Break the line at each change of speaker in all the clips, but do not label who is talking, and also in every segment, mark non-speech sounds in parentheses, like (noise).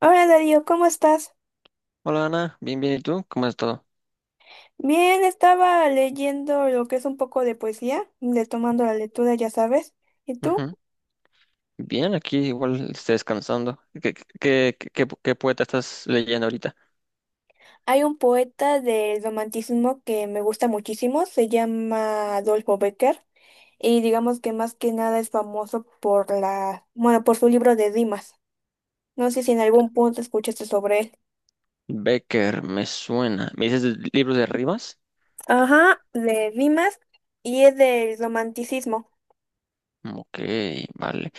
Hola Darío, ¿cómo estás?
Hola Ana, bien, bien, ¿y tú? ¿Cómo es todo?
Bien, estaba leyendo lo que es un poco de poesía, retomando la lectura, ya sabes. ¿Y tú?
Ujú. Bien, aquí igual estoy descansando. ¿Qué poeta estás leyendo ahorita?
Hay un poeta del romanticismo que me gusta muchísimo, se llama Adolfo Becker, y digamos que más que nada es famoso por la, bueno, por su libro de rimas. No sé si en algún punto escuchaste sobre él.
Becker, me suena. ¿Me dices libros de rimas?
Ajá, de rimas y es del romanticismo.
Ok, vale.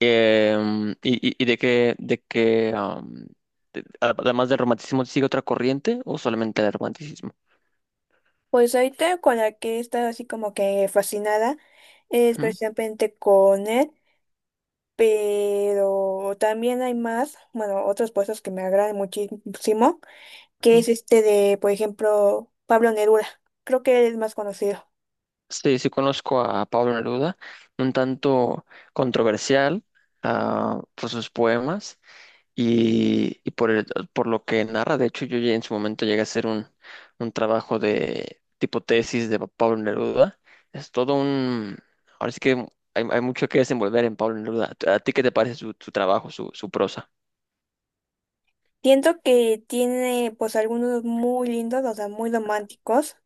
¿Y de qué, además del romanticismo, sigue otra corriente o solamente el romanticismo?
Pues ahorita con la que he estado así como que fascinada es precisamente con él. Pero también hay más, bueno, otros puestos que me agradan muchísimo, que
Ujú.
es este de, por ejemplo, Pablo Neruda. Creo que él es más conocido.
Sí, sí conozco a Pablo Neruda, un tanto controversial, por sus poemas y por lo que narra. De hecho, yo ya en su momento llegué a hacer un trabajo de tipo tesis de Pablo Neruda. Es todo un... Ahora sí que hay mucho que desenvolver en Pablo Neruda. ¿A ti qué te parece su trabajo, su prosa?
Siento que tiene pues algunos muy lindos, o sea, muy románticos,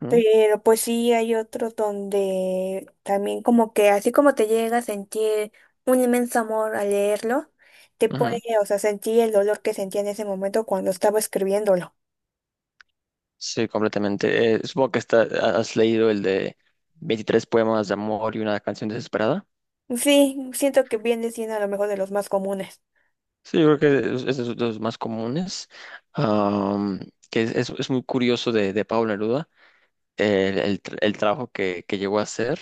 ¿No?
pero pues sí hay otros donde también como que así como te llega a sentir un inmenso amor al leerlo, te
Ujú.
puede, o sea, sentir el dolor que sentía en ese momento cuando estaba escribiéndolo.
Sí, completamente. Supongo que has leído el de 23 poemas de amor y una canción desesperada.
Sí, siento que viene siendo a lo mejor de los más comunes.
Sí, yo creo que es de los más comunes, am, que es muy curioso de Pablo Neruda, el trabajo que llegó a hacer.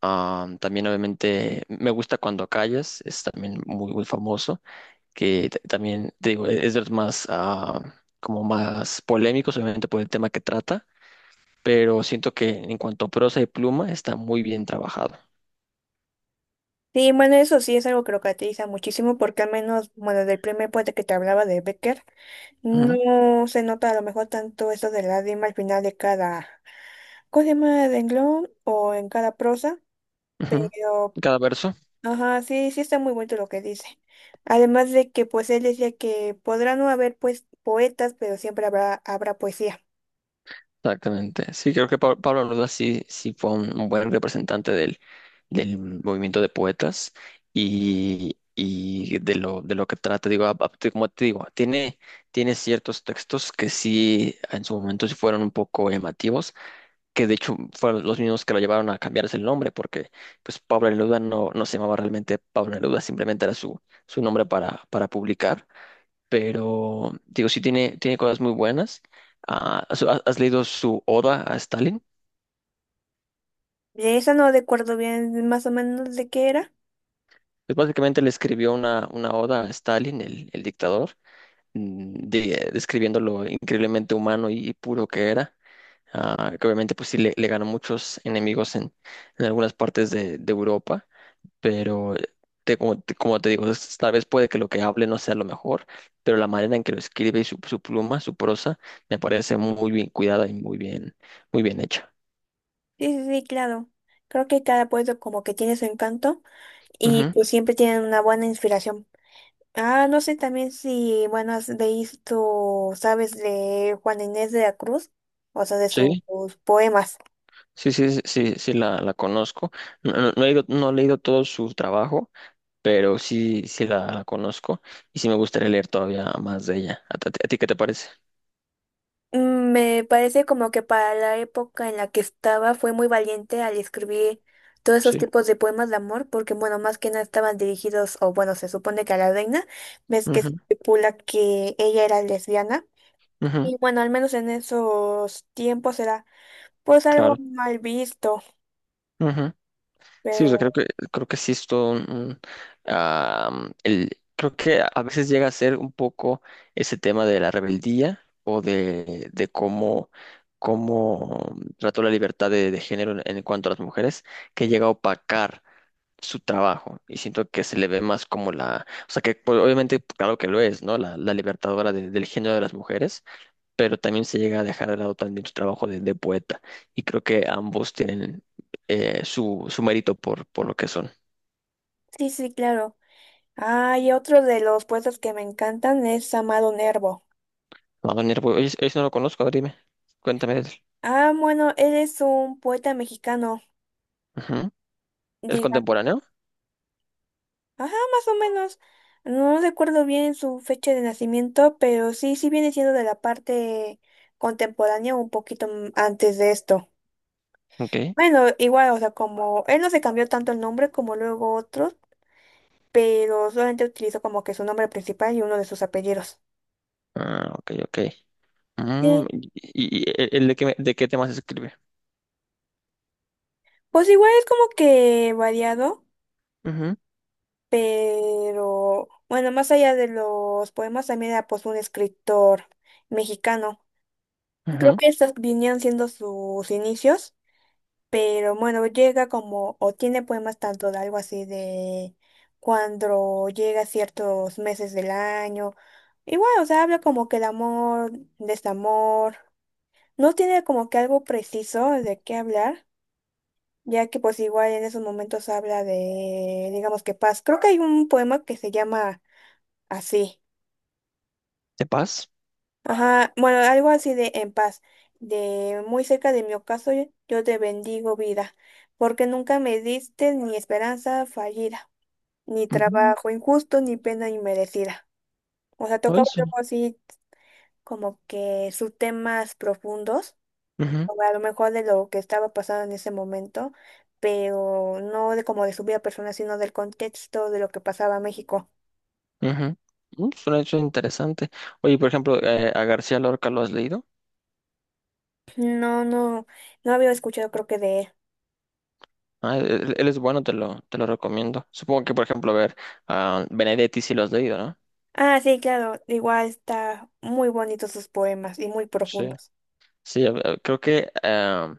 También obviamente me gusta Cuando callas, es también muy, muy famoso, también te digo, es de los más, como más polémicos, obviamente por el tema que trata, pero siento que en cuanto a prosa y pluma está muy bien trabajado.
Sí, bueno, eso sí es algo que lo caracteriza muchísimo porque al menos, bueno, del primer poeta que te hablaba de Becker,
Ujú,
no se nota a lo mejor tanto eso de la rima al final de cada, ¿cómo se llama? Renglón o en cada prosa,
ujú.
pero,
Cada verso.
ajá, sí, sí está muy bonito lo que dice. Además de que, pues, él decía que podrá no haber, pues, poetas, pero siempre habrá, habrá poesía.
Exactamente. Sí, creo que Pablo Neruda sí, sí fue un buen representante del, del movimiento de poetas y de lo que trata. Digo, como te digo, tiene ciertos textos que sí en su momento sí fueron un poco llamativos, que de hecho fueron los mismos que lo llevaron a cambiarse el nombre, porque pues Pablo Neruda no, no se llamaba realmente Pablo Neruda, simplemente era su nombre para publicar, pero digo, sí tiene, tiene cosas muy buenas. Ah, ¿has, has leído su Oda a Stalin?
De esa no recuerdo bien más o menos de qué era.
Pues básicamente le escribió una oda a Stalin, el dictador, describiendo lo increíblemente humano y puro que era. Ah, que obviamente pues sí le ganó muchos enemigos en algunas partes de Europa, pero te digo, tal vez puede que lo que hable no sea lo mejor, pero la manera en que lo escribe y su pluma, su prosa, me parece muy bien cuidada y muy bien hecha.
Sí, sí, sí, claro. Creo que cada poeta como que tiene su encanto y
Ujú.
pues siempre tienen una buena inspiración. Ah, no sé también si, bueno, has visto, sabes, de Juan Inés de la Cruz, o sea, de sus
Sí,
poemas.
sí, sí, sí, sí, sí la conozco. No, no he no he leído todo su trabajo, pero sí, sí la conozco y sí me gustaría leer todavía más de ella. ¿A ti, a ti qué te parece?
Me parece como que para la época en la que estaba fue muy valiente al escribir todos esos
Sí.
tipos de poemas de amor, porque bueno, más que nada estaban dirigidos, o bueno, se supone que a la reina, ves que se
Ujú,
especula que ella era lesbiana,
ujú,
y bueno, al menos en esos tiempos era pues algo
claro,
mal visto.
ujú. Sí, o sea, creo que sí es todo am, el, creo que a veces llega a ser un poco ese tema de la rebeldía o de cómo, cómo trató la libertad de género en cuanto a las mujeres, que llega a opacar su trabajo, y siento que se le ve más como la, o sea que pues, obviamente claro que lo es, ¿no? La libertadora del género de las mujeres, pero también se llega a dejar de lado también su trabajo de poeta, y creo que ambos tienen su, su mérito por lo que son.
Sí, sí, claro. Ah, y otro de los poetas que me encantan es Amado Nervo.
Wagner, pues, oye, eso no lo conozco, a ver, dime, cuéntame de él.
Ah, bueno, él es un poeta mexicano,
Ujú. ¿Es
digamos.
contemporáneo?
Ajá, más o menos. No recuerdo bien su fecha de nacimiento, pero sí, sí viene siendo de la parte contemporánea, un poquito antes de esto.
Ok.
Bueno, igual, o sea, como él no se cambió tanto el nombre como luego otros, pero solamente utilizó como que su nombre principal y uno de sus apellidos.
Ah, ok, ok.
Sí.
Y el de qué temas escribe?
Pues igual es como que variado.
Ujú,
Pero bueno, más allá de los poemas, también era pues un escritor mexicano. Creo
ujú.
que estos vinieron siendo sus inicios, pero bueno, llega como, o tiene poemas tanto de algo así de cuando llega ciertos meses del año. Igual, o sea, habla como que de amor, desamor. No tiene como que algo preciso de qué hablar, ya que pues igual en esos momentos habla de, digamos que paz. Creo que hay un poema que se llama Así.
¿De paz?
Ajá. Bueno, algo así de en paz. De muy cerca de mi ocaso, yo te bendigo vida, porque nunca me diste ni esperanza fallida, ni
Ujú,
trabajo injusto, ni pena inmerecida. O sea,
no,
tocaba
eso.
algo así como que sus temas profundos, o a lo mejor de lo que estaba pasando en ese momento, pero no de como de su vida personal, sino del contexto de lo que pasaba en México.
Ujú. Suena, suena interesante. Oye, por ejemplo, a García Lorca lo has leído.
No, no, no había escuchado creo que de él.
Ah, él es bueno, te lo recomiendo. Supongo que, por ejemplo, a ver, a Benedetti sí lo has leído, ¿no?
Ah, sí, claro, igual está muy bonitos sus poemas y muy
Sí.
profundos.
Sí, creo que eh,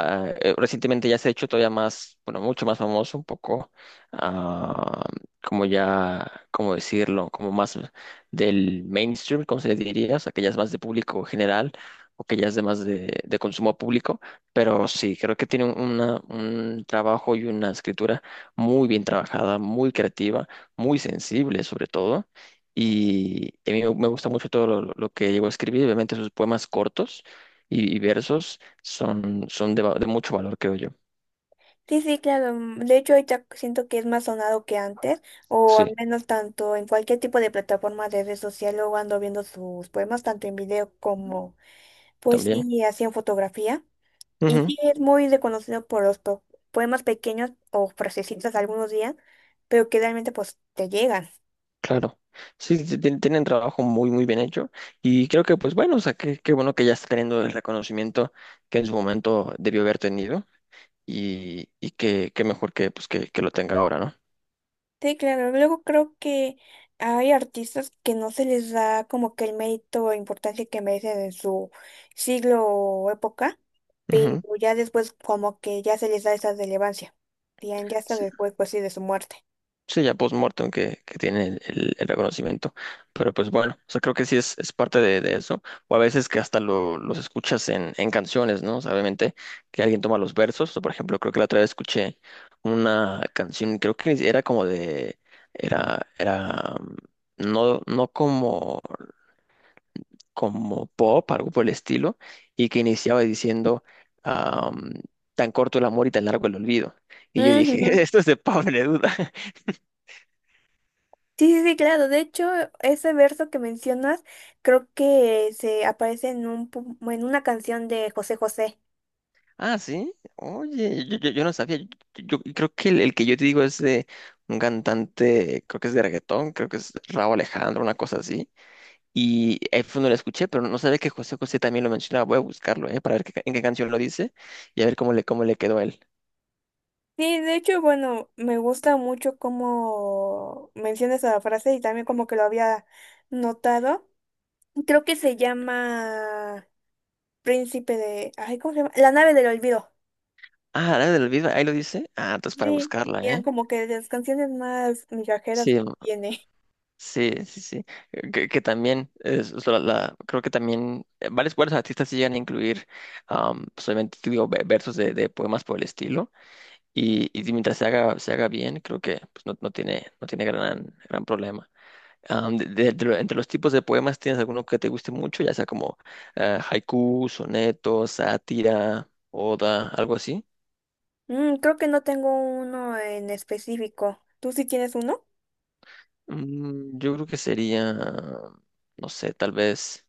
Ah, eh, recientemente ya se ha hecho todavía más, bueno, mucho más famoso, un poco, ah, como ya, ¿cómo decirlo? Como más del mainstream, ¿cómo se le diría? O sea, que ya es más de público general o que ya es de más de consumo público, pero sí, creo que tiene una, un trabajo y una escritura muy bien trabajada, muy creativa, muy sensible sobre todo. Y a mí me gusta mucho todo lo que llegó a escribir, obviamente sus poemas cortos y versos son, son de, de mucho valor, creo yo.
Sí, sí, claro. De hecho, ahorita siento que es más sonado que antes, o al
Sí,
menos tanto en cualquier tipo de plataforma de red social, luego ando viendo sus poemas, tanto en video como pues sí,
también.
y así en fotografía. Y
Ujú,
sí, es muy reconocido por los poemas pequeños o frasecitas algunos días, pero que realmente pues te llegan.
claro. Sí, sí, sí, tienen trabajo muy, muy bien hecho. Y creo que, pues bueno, o sea, qué, qué bueno que ya está teniendo el reconocimiento que en su momento debió haber tenido. Y que, qué mejor que, pues, que lo tenga ahora, ¿no?
Sí, claro. Luego creo que hay artistas que no se les da como que el mérito o importancia que merecen en su siglo o época, pero
Ujú.
ya después como que ya se les da esa relevancia. Ya, ya hasta después, pues sí, de su muerte.
Sí, ya post-mortem que tiene el reconocimiento. Pero pues bueno, o sea, creo que sí es parte de eso. O a veces que hasta los escuchas en canciones, ¿no? O sea, obviamente que alguien toma los versos. O por ejemplo, creo que la otra vez escuché una canción, creo que era como de, era, era, mm, no, no como, como pop, algo por el estilo, y que iniciaba diciendo, am, tan corto el amor y tan largo el olvido. Y yo dije,
Ujú.
(laughs) esto es de Pablo Neruda.
Sí, sí, sí, claro. De hecho, ese verso que mencionas creo que se aparece en un, en una canción de José José.
Ah, sí. Oye, yo, yo no sabía. Yo, yo creo que el que yo te digo es de un cantante, creo que es de reggaetón, creo que es Rauw Alejandro, una cosa así. Y ahí fue donde lo escuché, pero no sabía que José José también lo mencionaba. Voy a buscarlo, ¿eh? Para ver qué en qué canción lo dice y a ver cómo le quedó a él.
Sí, de hecho, bueno, me gusta mucho cómo mencionas esa frase y también como que lo había notado. Creo que se llama Príncipe de... Ay, ¿cómo se llama? La nave del olvido.
Ah, la del Olvido, ahí lo dice. Ah, entonces para
Sí,
buscarla,
eran
¿eh?
como que de las canciones más migajeras
Sí,
que
mm,
tiene. (laughs)
sí, sí, sí. Que también, es, la- creo que también varios, varios artistas sí llegan a incluir, solamente, digo, versos de poemas por el estilo. Y si mientras se haga bien, creo que pues, no, no tiene, no tiene gran, gran problema. Am, de lo- entre los tipos de poemas, ¿tienes alguno que te guste mucho? Ya sea como haiku, soneto, sátira, oda, algo así.
Mm, creo que no tengo uno en específico. ¿Tú sí tienes uno?
Mm, yo creo que sería, no sé, tal vez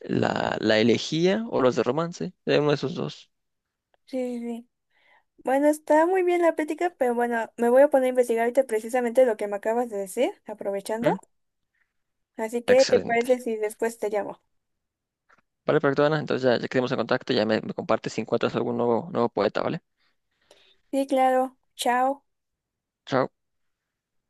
la, la elegía o los de romance, de uno de esos dos.
Sí, sí, sí. Bueno, está muy bien la plática, pero bueno, me voy a poner a investigar ahorita precisamente lo que me acabas de decir, aprovechando.
¿Mm?
Así que, ¿te parece
Excelente.
si después te llamo?
Vale, perfecto, Ana. Entonces ya, ya quedamos en contacto, ya me compartes si encuentras algún nuevo, nuevo poeta, ¿vale?
Sí, claro. Chao.
Chao.